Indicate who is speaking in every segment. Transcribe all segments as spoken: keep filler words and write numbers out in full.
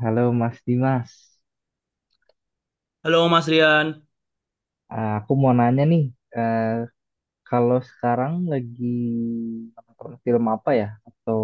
Speaker 1: Halo Mas Dimas,
Speaker 2: Halo Mas Rian.
Speaker 1: Eh, aku mau nanya nih, eh, kalau sekarang lagi nonton film apa ya? Atau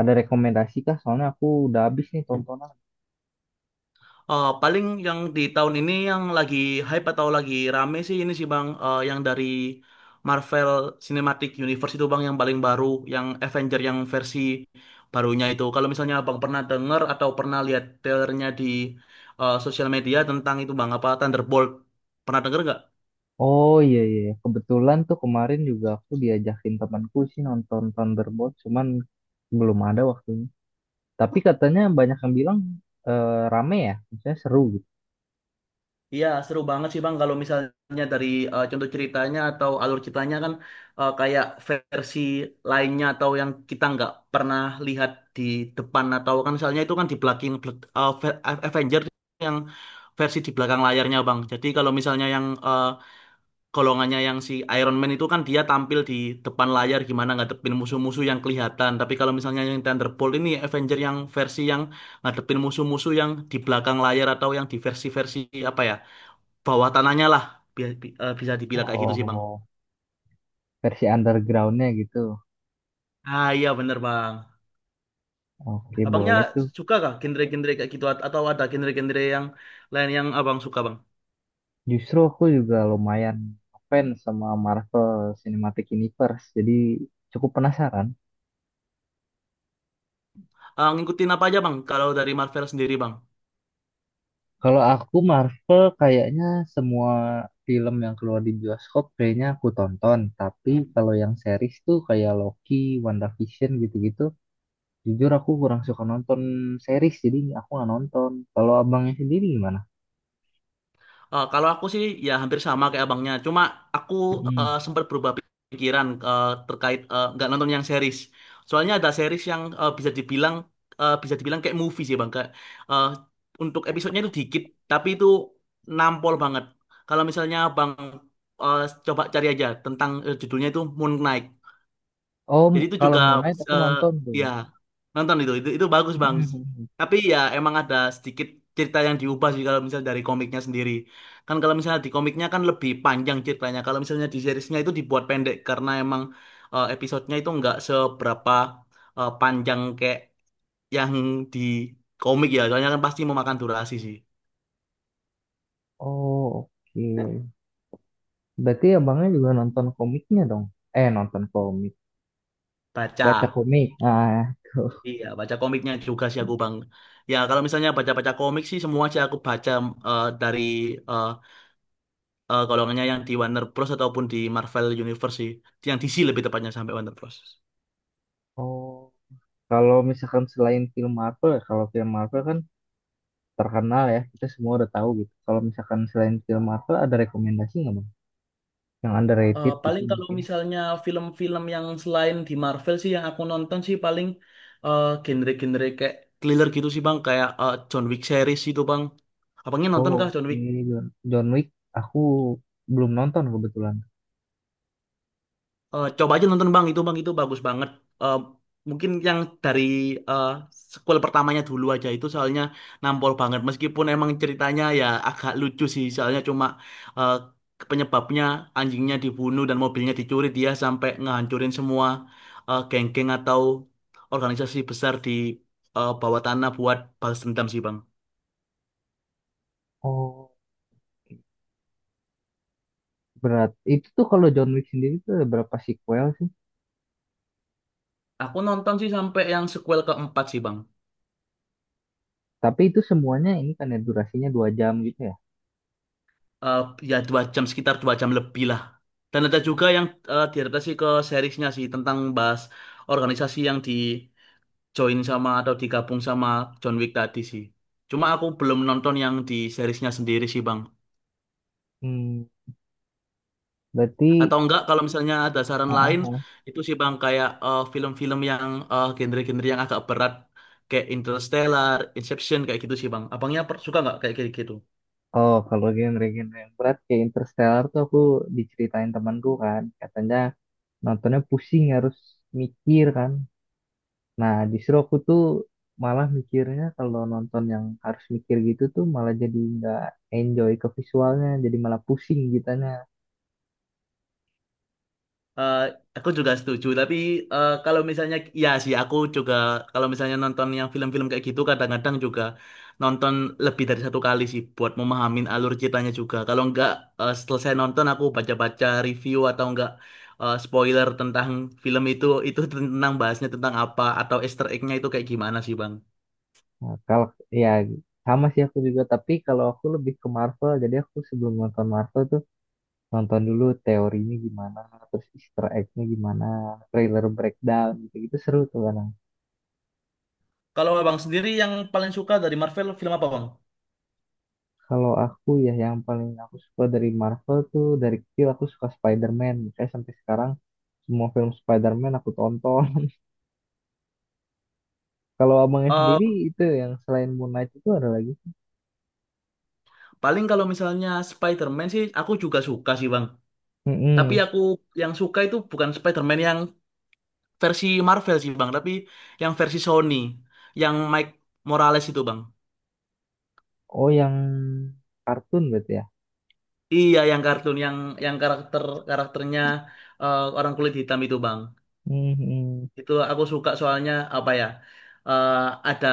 Speaker 1: ada rekomendasi kah? Soalnya aku udah habis nih tontonan.
Speaker 2: Eh, paling yang di tahun ini yang lagi hype atau lagi rame sih ini sih Bang. Eh, yang dari Marvel Cinematic Universe itu Bang yang paling baru, yang Avenger yang versi barunya itu. Kalau misalnya Abang pernah denger atau pernah lihat trailernya di eh, sosial media tentang itu Bang, apa Thunderbolt, pernah denger nggak?
Speaker 1: Oh iya, iya, kebetulan tuh kemarin juga aku diajakin temanku sih nonton Thunderbolt, cuman belum ada waktunya. Tapi katanya banyak yang bilang eh, rame ya, misalnya seru gitu.
Speaker 2: Iya, seru banget sih Bang. Kalau misalnya dari eh, contoh ceritanya atau alur ceritanya kan eh, kayak versi lainnya atau yang kita nggak pernah lihat di depan atau kan misalnya itu kan di belakang bel- eh, ve- Avenger yang versi di belakang layarnya Bang. Jadi kalau misalnya yang eh, golongannya yang si Iron Man itu kan dia tampil di depan layar gimana ngadepin musuh-musuh yang kelihatan. Tapi kalau misalnya yang Thunderbolt ini Avenger yang versi yang ngadepin musuh-musuh yang di belakang layar atau yang di versi-versi apa ya? Bawah tanahnya lah, bi- bi- eh, bisa dibilang kayak gitu sih bang.
Speaker 1: Oh, versi undergroundnya gitu.
Speaker 2: Ah, iya bener bang.
Speaker 1: Oke,
Speaker 2: Abangnya
Speaker 1: boleh tuh.
Speaker 2: suka kah genre-genre kayak gitu? At- atau ada genre-genre yang lain yang abang suka bang?
Speaker 1: Justru aku juga lumayan fans sama Marvel Cinematic Universe, jadi cukup penasaran.
Speaker 2: Ah, ngikutin apa aja bang kalau dari Marvel sendiri bang?
Speaker 1: Kalau aku Marvel kayaknya semua film yang keluar di bioskop kayaknya aku tonton, tapi kalau yang series tuh kayak Loki, WandaVision gitu-gitu, jujur aku kurang suka nonton series, jadi aku nggak nonton. Kalau abangnya sendiri gimana?
Speaker 2: Eh, kalau aku sih ya hampir sama kayak abangnya. Cuma aku
Speaker 1: Mm.
Speaker 2: eh, sempat berubah pikiran eh, terkait eh, nggak nonton yang series. Soalnya ada series yang eh, bisa dibilang eh, bisa dibilang kayak movie sih bang. Kayak, eh, untuk episodenya itu dikit, tapi itu nampol banget. Kalau misalnya bang eh, coba cari aja tentang eh, judulnya itu Moon Knight.
Speaker 1: Oh, m-
Speaker 2: Jadi itu
Speaker 1: kalau
Speaker 2: juga
Speaker 1: Moon Knight aku
Speaker 2: eh,
Speaker 1: nonton tuh.
Speaker 2: ya nonton itu, itu itu bagus bang.
Speaker 1: Mm.
Speaker 2: Tapi ya emang ada sedikit cerita yang diubah sih kalau misalnya dari komiknya sendiri. Kan kalau misalnya di komiknya kan lebih panjang ceritanya. Kalau misalnya di seriesnya itu dibuat pendek karena emang eh, episodenya itu nggak seberapa eh, panjang kayak yang di komik ya. Soalnya kan pasti memakan durasi sih.
Speaker 1: Oh, oke. Berarti abangnya juga nonton komiknya dong. Eh, nonton komik. Baca
Speaker 2: Baca.
Speaker 1: komik. Ah, tuh.
Speaker 2: Iya, baca komiknya juga sih aku Bang. Ya, kalau misalnya baca-baca komik sih semua sih aku baca eh, dari eh, eh kalau nggaknya yang di Warner Bros ataupun di Marvel Universe sih. Yang D C lebih tepatnya sampai Warner Bros.
Speaker 1: Oh. Kalau misalkan selain film Marvel, ya, kalau film Marvel kan terkenal ya, kita semua udah tahu gitu. Kalau misalkan selain film Marvel, ada rekomendasi nggak bang? Yang
Speaker 2: Eh,
Speaker 1: underrated gitu
Speaker 2: paling kalau
Speaker 1: mungkin.
Speaker 2: misalnya film-film yang selain di Marvel sih yang aku nonton sih paling eh, genre-genre kayak Thriller gitu sih bang, kayak eh, John Wick series itu bang. Abangnya nonton
Speaker 1: Oh,
Speaker 2: kah John
Speaker 1: oke.
Speaker 2: Wick?
Speaker 1: John, John Wick, aku belum nonton kebetulan.
Speaker 2: Eh, coba aja nonton Bang itu Bang itu bagus banget. Eh, Mungkin yang dari eh, sequel pertamanya dulu aja itu soalnya nampol banget meskipun emang ceritanya ya agak lucu sih soalnya cuma eh, penyebabnya anjingnya dibunuh dan mobilnya dicuri dia sampai ngehancurin semua eh, geng-geng atau organisasi besar di eh, bawah tanah buat balas dendam sih Bang.
Speaker 1: Oh, berat. Itu tuh kalau John Wick sendiri tuh ada berapa sequel sih?
Speaker 2: Aku nonton sih sampai yang sequel keempat sih Bang.
Speaker 1: Tapi itu semuanya ini kan ya durasinya dua jam gitu ya.
Speaker 2: eh Ya dua jam sekitar dua jam lebih lah. Dan ada juga yang eh, diadaptasi ke seriesnya sih tentang bahas organisasi yang di join sama atau digabung sama John Wick tadi sih. Cuma aku belum nonton yang di seriesnya sendiri sih Bang.
Speaker 1: Hmm, berarti,
Speaker 2: Atau enggak kalau misalnya ada
Speaker 1: ah,
Speaker 2: saran
Speaker 1: ah,
Speaker 2: lain
Speaker 1: ah.
Speaker 2: itu sih Bang kayak eh, film-film yang eh, genre-genre yang agak berat kayak Interstellar, Inception kayak gitu sih Bang. Abangnya per- suka nggak kayak gitu?
Speaker 1: Oh, kalau genre-genre yang berat kayak Interstellar tuh aku diceritain temanku kan, katanya nontonnya pusing harus mikir kan. Nah, justru aku tuh malah mikirnya kalau nonton yang harus mikir gitu tuh malah jadi nggak enjoy ke visualnya, jadi malah pusing gitanya.
Speaker 2: Eh, aku juga setuju, tapi eh, kalau misalnya, ya sih aku juga kalau misalnya nonton yang film-film kayak gitu kadang-kadang juga nonton lebih dari satu kali sih buat memahamin alur ceritanya juga. Kalau nggak eh, selesai nonton aku baca-baca review atau nggak eh, spoiler tentang film itu, itu tentang bahasnya tentang apa atau Easter egg-nya itu kayak gimana sih Bang?
Speaker 1: Nah, kalau ya sama sih aku juga, tapi kalau aku lebih ke Marvel, jadi aku sebelum nonton Marvel tuh nonton dulu teorinya gimana, terus Easter egg-nya gimana, trailer breakdown gitu-gitu seru tuh kan.
Speaker 2: Kalau Abang sendiri yang paling suka dari Marvel film apa Bang?
Speaker 1: Kalau aku ya yang paling aku suka dari Marvel tuh dari kecil aku suka Spider-Man. Saya sampai sekarang semua film Spider-Man aku tonton. Kalau abangnya
Speaker 2: Eh,
Speaker 1: sendiri itu yang selain Moon Knight itu ada lagi.
Speaker 2: Paling kalau misalnya Spider-Man sih aku juga suka sih Bang. Tapi
Speaker 1: Mm-mm.
Speaker 2: aku yang suka itu bukan Spider-Man yang versi Marvel sih Bang, tapi yang versi Sony, yang Mike Morales itu Bang.
Speaker 1: Oh yang kartun berarti ya.
Speaker 2: Iya, yang kartun yang yang karakter karakternya eh, orang kulit hitam itu Bang.
Speaker 1: Hmm, mm.
Speaker 2: Itu aku suka soalnya apa ya? eh, ada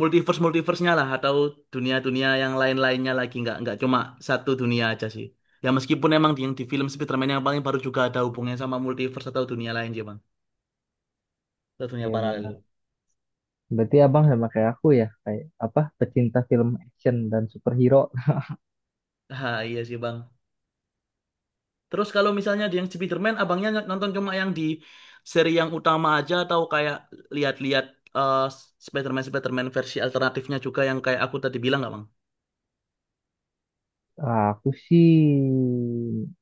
Speaker 2: multiverse multiverse-nya lah atau dunia-dunia yang lain-lainnya lagi nggak nggak cuma satu dunia aja sih. Ya meskipun emang di, yang di film Spider-Man yang paling baru juga ada hubungannya sama multiverse atau dunia lain sih Bang, atau dunia
Speaker 1: Iya
Speaker 2: paralel.
Speaker 1: benar. Berarti abang sama kayak aku ya kayak apa pecinta film action dan superhero.
Speaker 2: Ah, iya sih Bang. Terus kalau misalnya di yang Spiderman, abangnya nonton cuma yang di seri yang utama aja atau kayak lihat-lihat eh, Spiderman Spiderman versi alternatifnya juga yang kayak aku tadi bilang nggak bang?
Speaker 1: Ah, aku sih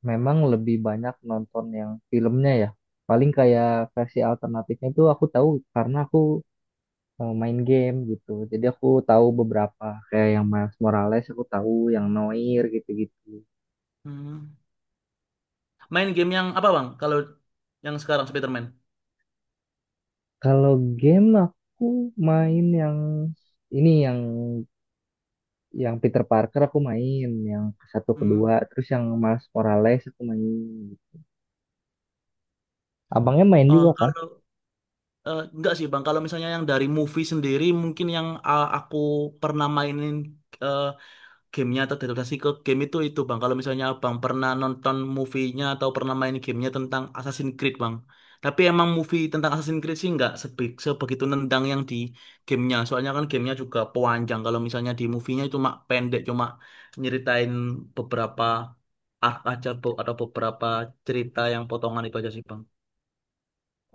Speaker 1: memang lebih banyak nonton yang filmnya ya. Paling kayak versi alternatifnya itu aku tahu karena aku eh, main game gitu. Jadi aku tahu beberapa kayak yang Miles Morales aku tahu, yang Noir gitu-gitu.
Speaker 2: Hmm. Main game yang apa bang? Kalau yang sekarang Spiderman?
Speaker 1: Kalau game aku main yang ini yang yang Peter Parker aku main, yang satu
Speaker 2: Hmm.
Speaker 1: kedua, terus yang Miles Morales aku main. Abangnya main
Speaker 2: Eh,
Speaker 1: juga kah?
Speaker 2: kalau eh, nggak sih bang, kalau misalnya yang dari movie sendiri mungkin yang ah, aku pernah mainin eh, gamenya atau adaptasi ke game itu itu bang kalau misalnya abang pernah nonton movie-nya atau pernah main gamenya tentang Assassin's Creed bang. Tapi emang movie tentang Assassin's Creed sih nggak sebe sebegitu nendang yang di gamenya soalnya kan gamenya juga panjang kalau misalnya di movie-nya cuma pendek cuma nyeritain beberapa arc aja Bo, atau beberapa cerita yang potongan itu aja sih bang.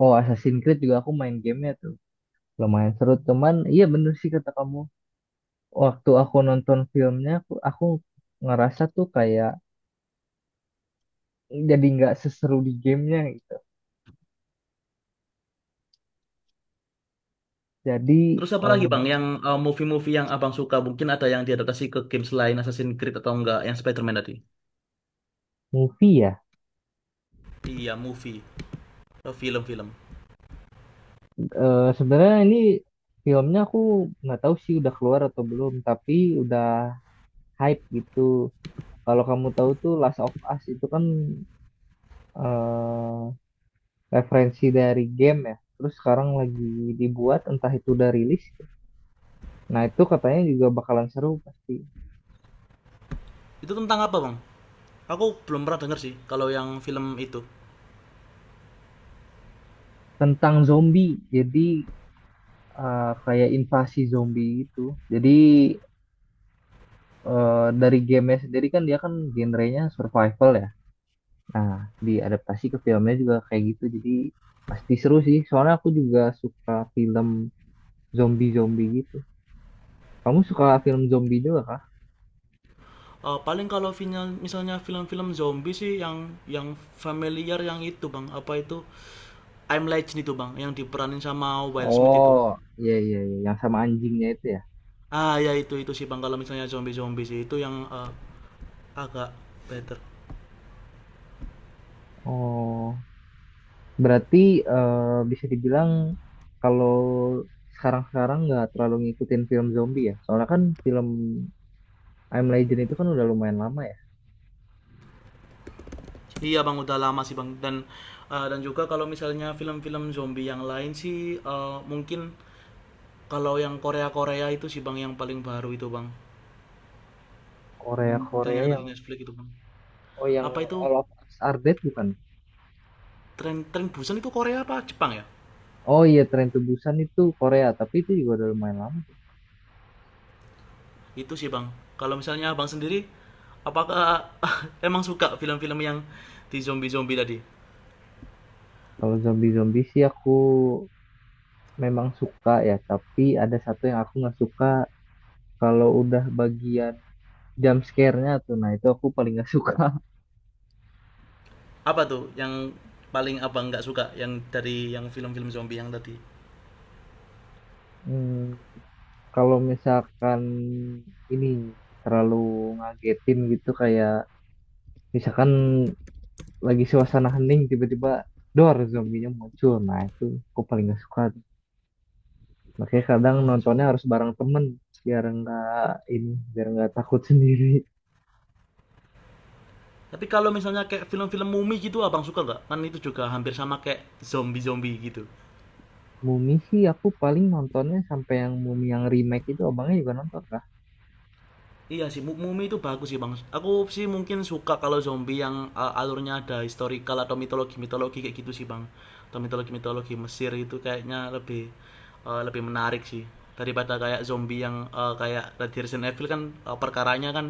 Speaker 1: Oh, Assassin's Creed juga aku main gamenya tuh. Lumayan seru, teman. Iya bener sih kata kamu. Waktu aku nonton filmnya, aku, aku ngerasa tuh kayak jadi nggak seseru di gamenya gitu. Jadi
Speaker 2: Terus apa
Speaker 1: eh,
Speaker 2: lagi bang yang eh, movie-movie yang abang suka mungkin ada yang diadaptasi ke game selain Assassin's Creed atau enggak yang Spider-Man tadi?
Speaker 1: movie ya.
Speaker 2: Iya movie. Eh, film-film.
Speaker 1: Eh sebenarnya ini filmnya aku nggak tahu sih udah keluar atau belum, tapi udah hype gitu. Kalau kamu tahu tuh Last of Us itu kan eh referensi dari game ya. Terus sekarang lagi dibuat, entah itu udah rilis. Nah itu katanya juga bakalan seru pasti.
Speaker 2: Itu tentang apa bang? Aku belum pernah denger sih kalau yang film itu.
Speaker 1: Tentang zombie, jadi eh, kayak invasi zombie gitu. Jadi eh, dari gamenya sendiri kan dia kan genrenya survival ya. Nah, diadaptasi ke filmnya juga kayak gitu. Jadi pasti seru sih. Soalnya aku juga suka film zombie-zombie gitu. Kamu suka film zombie juga kah?
Speaker 2: Eh, paling kalau final, misalnya film-film zombie sih yang yang familiar yang itu bang apa itu I'm Legend itu bang yang diperanin sama Will Smith itu.
Speaker 1: Oh, iya, iya, iya, yang sama anjingnya itu ya.
Speaker 2: Ah ya itu itu sih bang kalau misalnya zombie zombie sih itu yang eh, agak better.
Speaker 1: Oh, berarti eh, bisa dibilang kalau sekarang-sekarang nggak terlalu ngikutin film zombie ya. Soalnya kan film I'm Legend itu kan udah lumayan lama ya.
Speaker 2: Iya bang udah lama sih bang dan eh, dan juga kalau misalnya film-film zombie yang lain sih eh, mungkin kalau yang Korea Korea itu sih bang yang paling baru itu bang dan
Speaker 1: Korea-Korea
Speaker 2: yang ada
Speaker 1: yang
Speaker 2: di Netflix itu bang
Speaker 1: oh yang
Speaker 2: apa itu
Speaker 1: All of Us Are Dead bukan?
Speaker 2: tren tren Busan itu Korea apa Jepang ya?
Speaker 1: Oh iya, Tren Busan itu Korea, tapi itu juga udah lumayan lama.
Speaker 2: Itu sih bang. Kalau misalnya abang sendiri, apakah emang suka film-film yang di zombie-zombie tadi?
Speaker 1: Kalau zombie-zombie sih aku memang suka ya, tapi ada satu yang aku nggak suka kalau udah bagian jump scare-nya tuh. Nah, itu aku paling nggak suka.
Speaker 2: Apa tuh yang paling abang nggak suka yang dari yang film-film zombie yang tadi?
Speaker 1: Hmm, kalau misalkan ini terlalu ngagetin gitu kayak misalkan lagi suasana hening tiba-tiba dor zombinya muncul. Nah, itu aku paling nggak suka tuh. Makanya kadang
Speaker 2: Ah,
Speaker 1: nontonnya
Speaker 2: zombie.
Speaker 1: harus bareng temen biar nggak ini biar nggak takut sendiri.
Speaker 2: Tapi kalau misalnya kayak film-film mumi gitu abang suka nggak? Kan itu juga hampir sama kayak zombie-zombie gitu.
Speaker 1: Mumi sih aku paling nontonnya sampai yang Mumi yang remake itu abangnya juga nonton kah?
Speaker 2: Iya sih, Mu- Mumi itu bagus sih bang. Aku sih mungkin suka kalau zombie yang uh, alurnya ada historical atau mitologi-mitologi kayak gitu sih bang. Atau mitologi-mitologi Mesir itu kayaknya lebih uh, lebih menarik sih daripada kayak zombie yang uh, kayak Resident Evil kan uh, perkaranya kan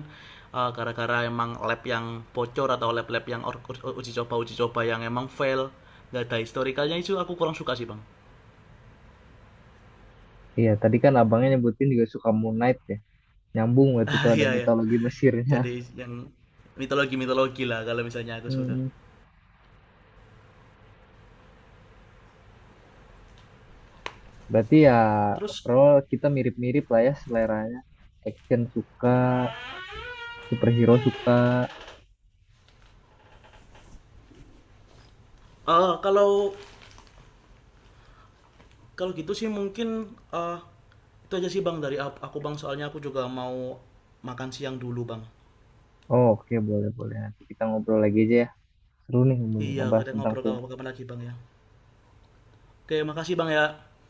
Speaker 2: uh, gara-gara emang lab yang bocor atau lab-lab yang or- u- uji coba uji coba yang emang fail nggak ada historikalnya itu aku kurang suka sih bang.
Speaker 1: Iya, tadi kan abangnya nyebutin juga suka Moon Knight ya. Nyambung berarti itu
Speaker 2: Ah
Speaker 1: ada
Speaker 2: iya ya.
Speaker 1: mitologi Mesirnya.
Speaker 2: Jadi yang mitologi mitologi lah kalau misalnya aku suka.
Speaker 1: Hmm. Berarti ya
Speaker 2: Terus.
Speaker 1: overall kita mirip-mirip lah ya seleranya. Action suka, superhero suka.
Speaker 2: Eh, kalau kalau gitu sih mungkin eh itu aja sih Bang dari ap- aku Bang soalnya aku juga mau makan siang dulu Bang.
Speaker 1: Oh, oke, boleh boleh, nanti kita ngobrol lagi aja ya. Seru nih ngomong
Speaker 2: Iya,
Speaker 1: ngebahas
Speaker 2: kita
Speaker 1: tentang
Speaker 2: ngobrol
Speaker 1: film.
Speaker 2: kapan-kapan lagi Bang ya. Oke, makasih Bang ya.